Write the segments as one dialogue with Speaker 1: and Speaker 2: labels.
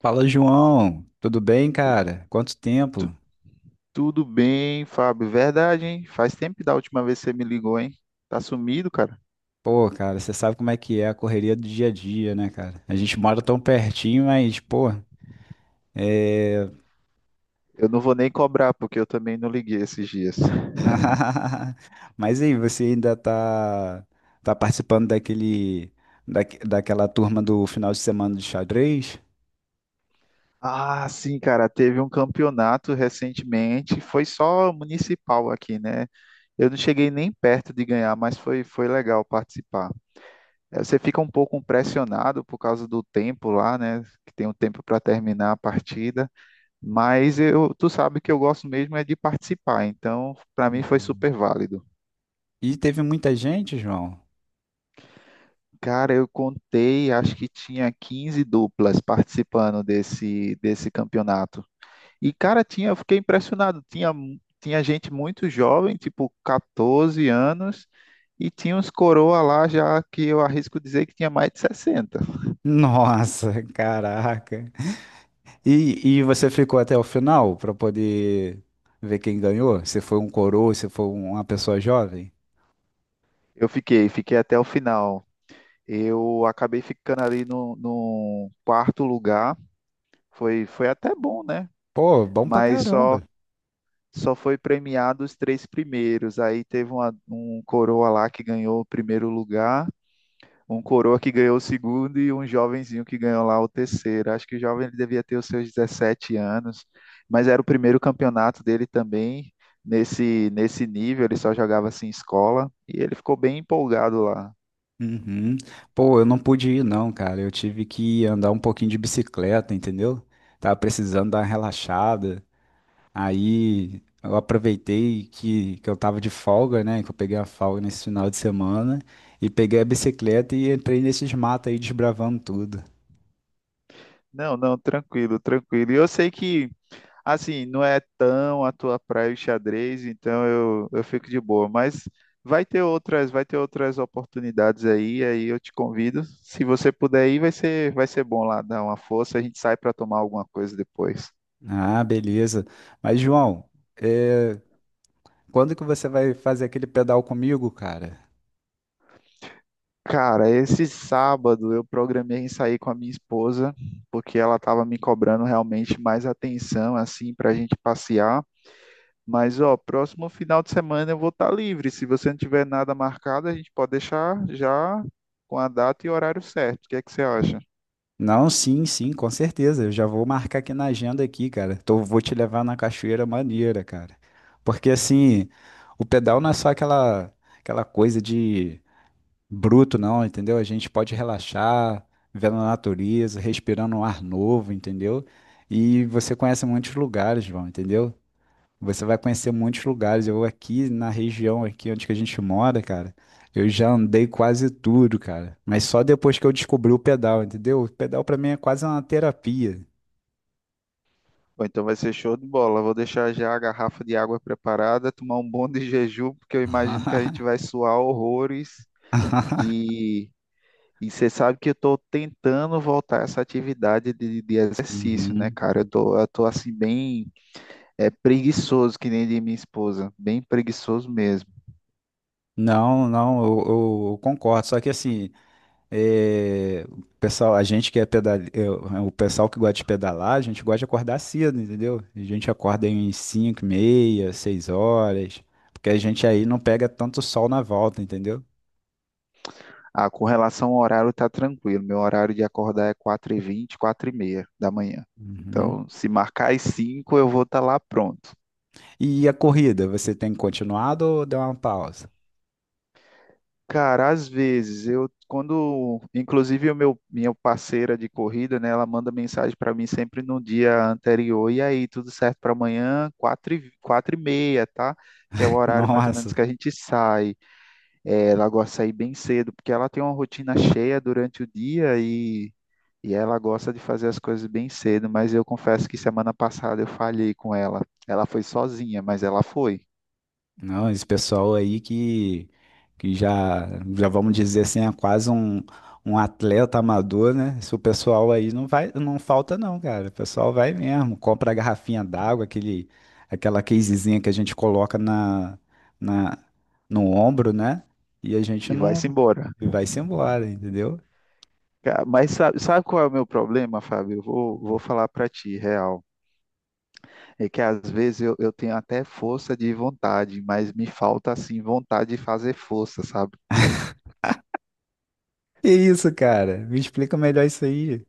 Speaker 1: Fala, João. Tudo bem, cara? Quanto tempo?
Speaker 2: Tu- Tudo bem, Fábio? Verdade, hein? Faz tempo da última vez que você me ligou, hein? Tá sumido, cara?
Speaker 1: Pô, cara, você sabe como é que é a correria do dia a dia, né, cara? A gente mora tão pertinho, mas, pô, é,
Speaker 2: Eu não vou nem cobrar, porque eu também não liguei esses dias.
Speaker 1: Mas aí, você ainda tá participando daquela turma do final de semana de xadrez?
Speaker 2: Ah, sim, cara, teve um campeonato recentemente, foi só municipal aqui, né? Eu não cheguei nem perto de ganhar, mas foi legal participar. Você fica um pouco pressionado por causa do tempo lá, né? Que tem um tempo para terminar a partida, mas tu sabe que eu gosto mesmo é de participar, então para mim foi
Speaker 1: Uhum.
Speaker 2: super válido.
Speaker 1: E teve muita gente, João?
Speaker 2: Cara, eu contei, acho que tinha 15 duplas participando desse campeonato. E, cara, eu fiquei impressionado. Tinha gente muito jovem, tipo 14 anos, e tinha uns coroa lá já que eu arrisco dizer que tinha mais de 60.
Speaker 1: Nossa, caraca. E você ficou até o final para poder ver quem ganhou? Se foi um coroa, se foi uma pessoa jovem?
Speaker 2: Eu fiquei até o final. Eu acabei ficando ali no quarto lugar. Foi até bom, né?
Speaker 1: Pô, bom pra
Speaker 2: Mas só
Speaker 1: caramba.
Speaker 2: só foi premiado os três primeiros. Aí teve um coroa lá que ganhou o primeiro lugar, um coroa que ganhou o segundo e um jovenzinho que ganhou lá o terceiro. Acho que o jovem ele devia ter os seus 17 anos, mas era o primeiro campeonato dele também. Nesse nível, ele só jogava assim em escola e ele ficou bem empolgado lá.
Speaker 1: Uhum. Pô, eu não pude ir não, cara. Eu tive que andar um pouquinho de bicicleta, entendeu? Tava precisando dar uma relaxada. Aí eu aproveitei que eu tava de folga, né? Que eu peguei a folga nesse final de semana e peguei a bicicleta e entrei nesses matos aí desbravando tudo.
Speaker 2: Não, não, tranquilo, tranquilo. E eu sei que assim, não é tão a tua praia o xadrez, então eu fico de boa. Mas vai ter outras oportunidades aí eu te convido. Se você puder ir, vai ser bom lá, dar uma força, a gente sai para tomar alguma coisa depois.
Speaker 1: Ah, beleza. Mas, João, é, quando que você vai fazer aquele pedal comigo, cara?
Speaker 2: Cara, esse sábado eu programei em sair com a minha esposa, porque ela estava me cobrando realmente mais atenção, assim, para a gente passear. Mas, ó, próximo final de semana eu vou estar livre. Se você não tiver nada marcado, a gente pode deixar já com a data e horário certo. O que é que você acha?
Speaker 1: Não, sim, sim, com certeza. Eu já vou marcar aqui na agenda aqui, cara. Tô, vou te levar na cachoeira maneira, cara. Porque assim, o pedal não é só aquela coisa de bruto, não, entendeu? A gente pode relaxar, vendo a natureza, respirando um ar novo, entendeu? E você conhece muitos lugares, João, entendeu? Você vai conhecer muitos lugares. Eu aqui na região aqui onde que a gente mora, cara, eu já andei quase tudo, cara. Mas só depois que eu descobri o pedal, entendeu? O pedal pra mim é quase uma terapia.
Speaker 2: Bom, então vai ser show de bola. Vou deixar já a garrafa de água preparada, tomar um bom de jejum, porque eu imagino que a gente vai suar horrores. E, e você sabe que eu estou tentando voltar a essa atividade de exercício, né,
Speaker 1: Uhum.
Speaker 2: cara? Eu tô assim, bem preguiçoso, que nem de minha esposa, bem preguiçoso mesmo.
Speaker 1: Não, não, eu concordo. Só que assim, o pessoal, a gente que é pedal, o pessoal que gosta de pedalar, a gente gosta de acordar cedo, entendeu? A gente acorda em 5, meia, 6 horas, porque a gente aí não pega tanto sol na volta, entendeu?
Speaker 2: Ah, com relação ao horário, tá tranquilo. Meu horário de acordar é 4:20 4:30 da manhã.
Speaker 1: Uhum.
Speaker 2: Então, se marcar às 5, eu vou estar lá pronto.
Speaker 1: E a corrida, você tem continuado ou deu uma pausa?
Speaker 2: Cara, às vezes eu quando, inclusive o meu minha parceira de corrida, né, ela manda mensagem para mim sempre no dia anterior. E aí, tudo certo para amanhã, 4 e 4 e meia, tá? Que é o horário mais ou
Speaker 1: Nossa,
Speaker 2: menos que a gente sai. Ela gosta de sair bem cedo, porque ela tem uma rotina cheia durante o dia e ela gosta de fazer as coisas bem cedo, mas eu confesso que semana passada eu falhei com ela. Ela foi sozinha, mas ela foi
Speaker 1: não, esse pessoal aí que já vamos dizer assim, é quase um atleta amador, né? Esse pessoal aí não vai, não falta não, cara. O pessoal vai mesmo, compra a garrafinha d'água, aquele, aquela casezinha que a gente coloca na, no ombro, né? E a gente
Speaker 2: e
Speaker 1: não
Speaker 2: vai-se embora.
Speaker 1: e vai-se embora, entendeu?
Speaker 2: Mas sabe qual é o meu problema, Fábio? Eu vou falar para ti, real. É que às vezes eu tenho até força de vontade, mas me falta assim vontade de fazer força, sabe?
Speaker 1: Que isso, cara? Me explica melhor isso aí.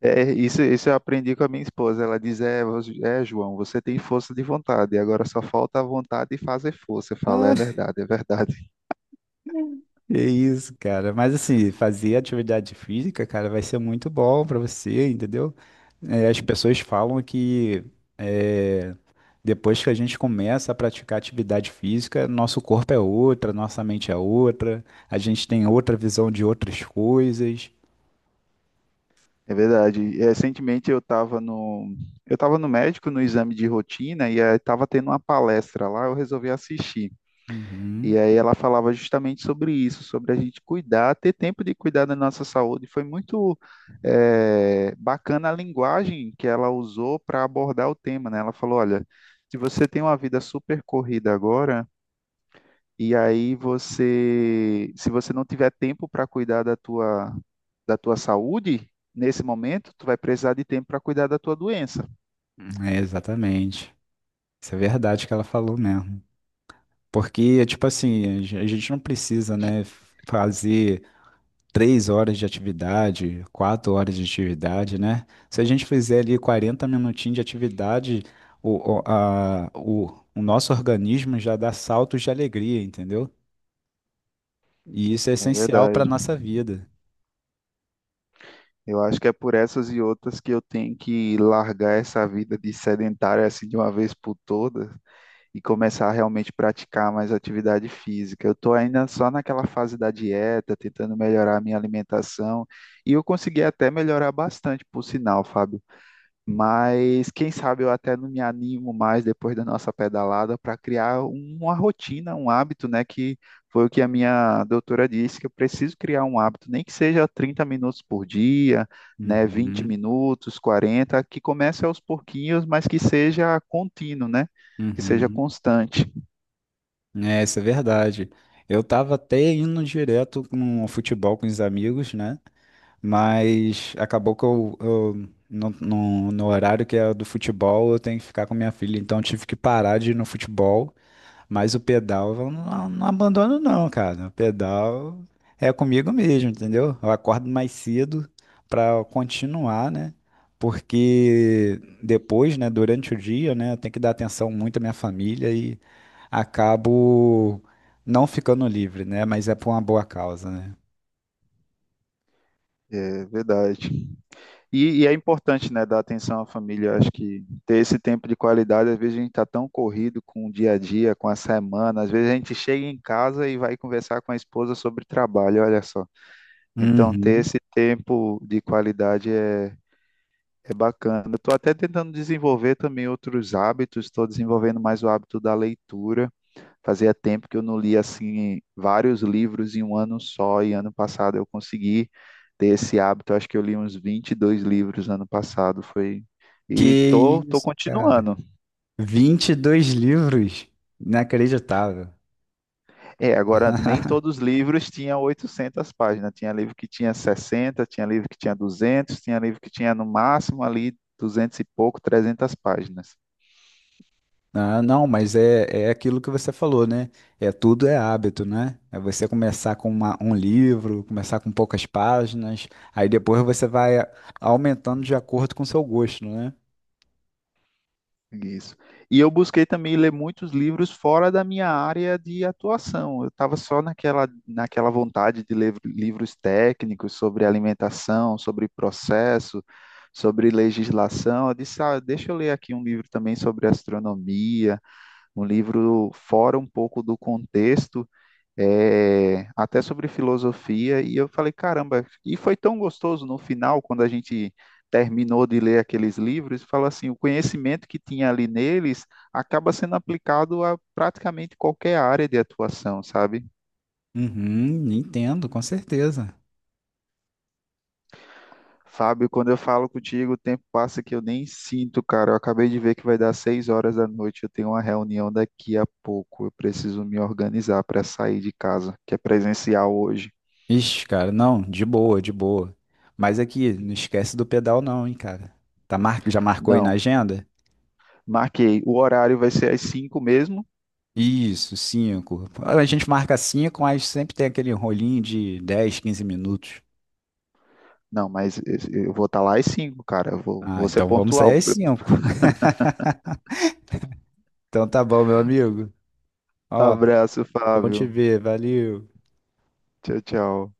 Speaker 2: É, isso eu aprendi com a minha esposa. Ela diz: João, você tem força de vontade, agora só falta a vontade de fazer força. Eu falo:
Speaker 1: Ah,
Speaker 2: é verdade, é verdade.
Speaker 1: é isso, cara. Mas assim, fazer atividade física, cara, vai ser muito bom pra você, entendeu? É, as pessoas falam que é, depois que a gente começa a praticar atividade física, nosso corpo é outra, nossa mente é outra, a gente tem outra visão de outras coisas.
Speaker 2: É verdade. Recentemente eu estava no médico no exame de rotina e estava tendo uma palestra lá, eu resolvi assistir.
Speaker 1: Uhum.
Speaker 2: E aí ela falava justamente sobre isso, sobre a gente cuidar, ter tempo de cuidar da nossa saúde. Foi muito bacana a linguagem que ela usou para abordar o tema, né? Ela falou, olha, se você tem uma vida super corrida agora, e aí se você não tiver tempo para cuidar da tua saúde, nesse momento, tu vai precisar de tempo para cuidar da tua doença.
Speaker 1: É, exatamente. Isso é verdade que ela falou mesmo. Porque, tipo assim, a gente não precisa, né, fazer 3 horas de atividade, 4 horas de atividade, né? Se a gente fizer ali 40 minutinhos de atividade, o, o, a- o- o nosso organismo já dá saltos de alegria, entendeu? E isso é
Speaker 2: É
Speaker 1: essencial para a
Speaker 2: verdade.
Speaker 1: nossa vida.
Speaker 2: Eu acho que é por essas e outras que eu tenho que largar essa vida de sedentário assim de uma vez por todas e começar a realmente praticar mais atividade física. Eu estou ainda só naquela fase da dieta, tentando melhorar a minha alimentação e eu consegui até melhorar bastante, por sinal, Fábio. Mas quem sabe eu até não me animo mais depois da nossa pedalada para criar uma rotina, um hábito, né? Que foi o que a minha doutora disse, que eu preciso criar um hábito, nem que seja 30 minutos por dia, né? 20
Speaker 1: Uhum,
Speaker 2: minutos, 40, que comece aos pouquinhos, mas que seja contínuo, né? Que seja
Speaker 1: uhum.
Speaker 2: constante.
Speaker 1: É, isso é verdade. Eu tava até indo direto no futebol com os amigos, né? Mas acabou que no horário que é do futebol, eu tenho que ficar com minha filha, então eu tive que parar de ir no futebol. Mas o pedal eu não, não abandono não, cara. O pedal é comigo mesmo, entendeu? Eu acordo mais cedo para continuar, né? Porque depois, né, durante o dia, né, eu tenho que dar atenção muito à minha família e acabo não ficando livre, né? Mas é por uma boa causa, né?
Speaker 2: É verdade. E é importante, né, dar atenção à família. Eu acho que ter esse tempo de qualidade, às vezes a gente está tão corrido com o dia a dia, com a semana, às vezes a gente chega em casa e vai conversar com a esposa sobre trabalho, olha só. Então, ter
Speaker 1: Uhum.
Speaker 2: esse tempo de qualidade é bacana. Eu estou até tentando desenvolver também outros hábitos, estou desenvolvendo mais o hábito da leitura. Fazia tempo que eu não lia assim vários livros em um ano só, e ano passado eu consegui ter esse hábito. Eu acho que eu li uns 22 livros ano passado, foi
Speaker 1: Que
Speaker 2: e tô
Speaker 1: isso, cara.
Speaker 2: continuando.
Speaker 1: 22 livros? Inacreditável.
Speaker 2: É, agora nem todos os livros tinham 800 páginas. Tinha livro que tinha 60, tinha livro que tinha 200, tinha livro que tinha no máximo ali 200 e pouco, 300 páginas.
Speaker 1: Ah, não, mas é aquilo que você falou, né? É tudo é hábito, né? É você começar com um livro, começar com poucas páginas, aí depois você vai aumentando de acordo com o seu gosto, né?
Speaker 2: Isso. E eu busquei também ler muitos livros fora da minha área de atuação. Eu estava só naquela vontade de ler livros técnicos sobre alimentação, sobre processo, sobre legislação. Eu disse, ah, deixa eu ler aqui um livro também sobre astronomia, um livro fora um pouco do contexto até sobre filosofia, e eu falei, caramba, e foi tão gostoso no final, quando a gente terminou de ler aqueles livros, fala assim, o conhecimento que tinha ali neles acaba sendo aplicado a praticamente qualquer área de atuação, sabe?
Speaker 1: Uhum, entendo, com certeza.
Speaker 2: Fábio, quando eu falo contigo, o tempo passa que eu nem sinto, cara. Eu acabei de ver que vai dar 6 horas da noite, eu tenho uma reunião daqui a pouco. Eu preciso me organizar para sair de casa, que é presencial hoje.
Speaker 1: Ixi, cara, não, de boa, de boa. Mas aqui, não esquece do pedal não, hein, cara. Tá mar... Já marcou aí na
Speaker 2: Não,
Speaker 1: agenda?
Speaker 2: marquei. O horário vai ser às 5 mesmo.
Speaker 1: Isso, 5. A gente marca 5, mas sempre tem aquele rolinho de 10, 15 minutos.
Speaker 2: Não, mas eu vou estar lá às 5, cara. Eu vou,
Speaker 1: Ah,
Speaker 2: vou ser
Speaker 1: então vamos
Speaker 2: pontual.
Speaker 1: sair às 5. Então tá bom, meu amigo. Ó,
Speaker 2: Abraço,
Speaker 1: bom te
Speaker 2: Fábio.
Speaker 1: ver, valeu.
Speaker 2: Tchau, tchau.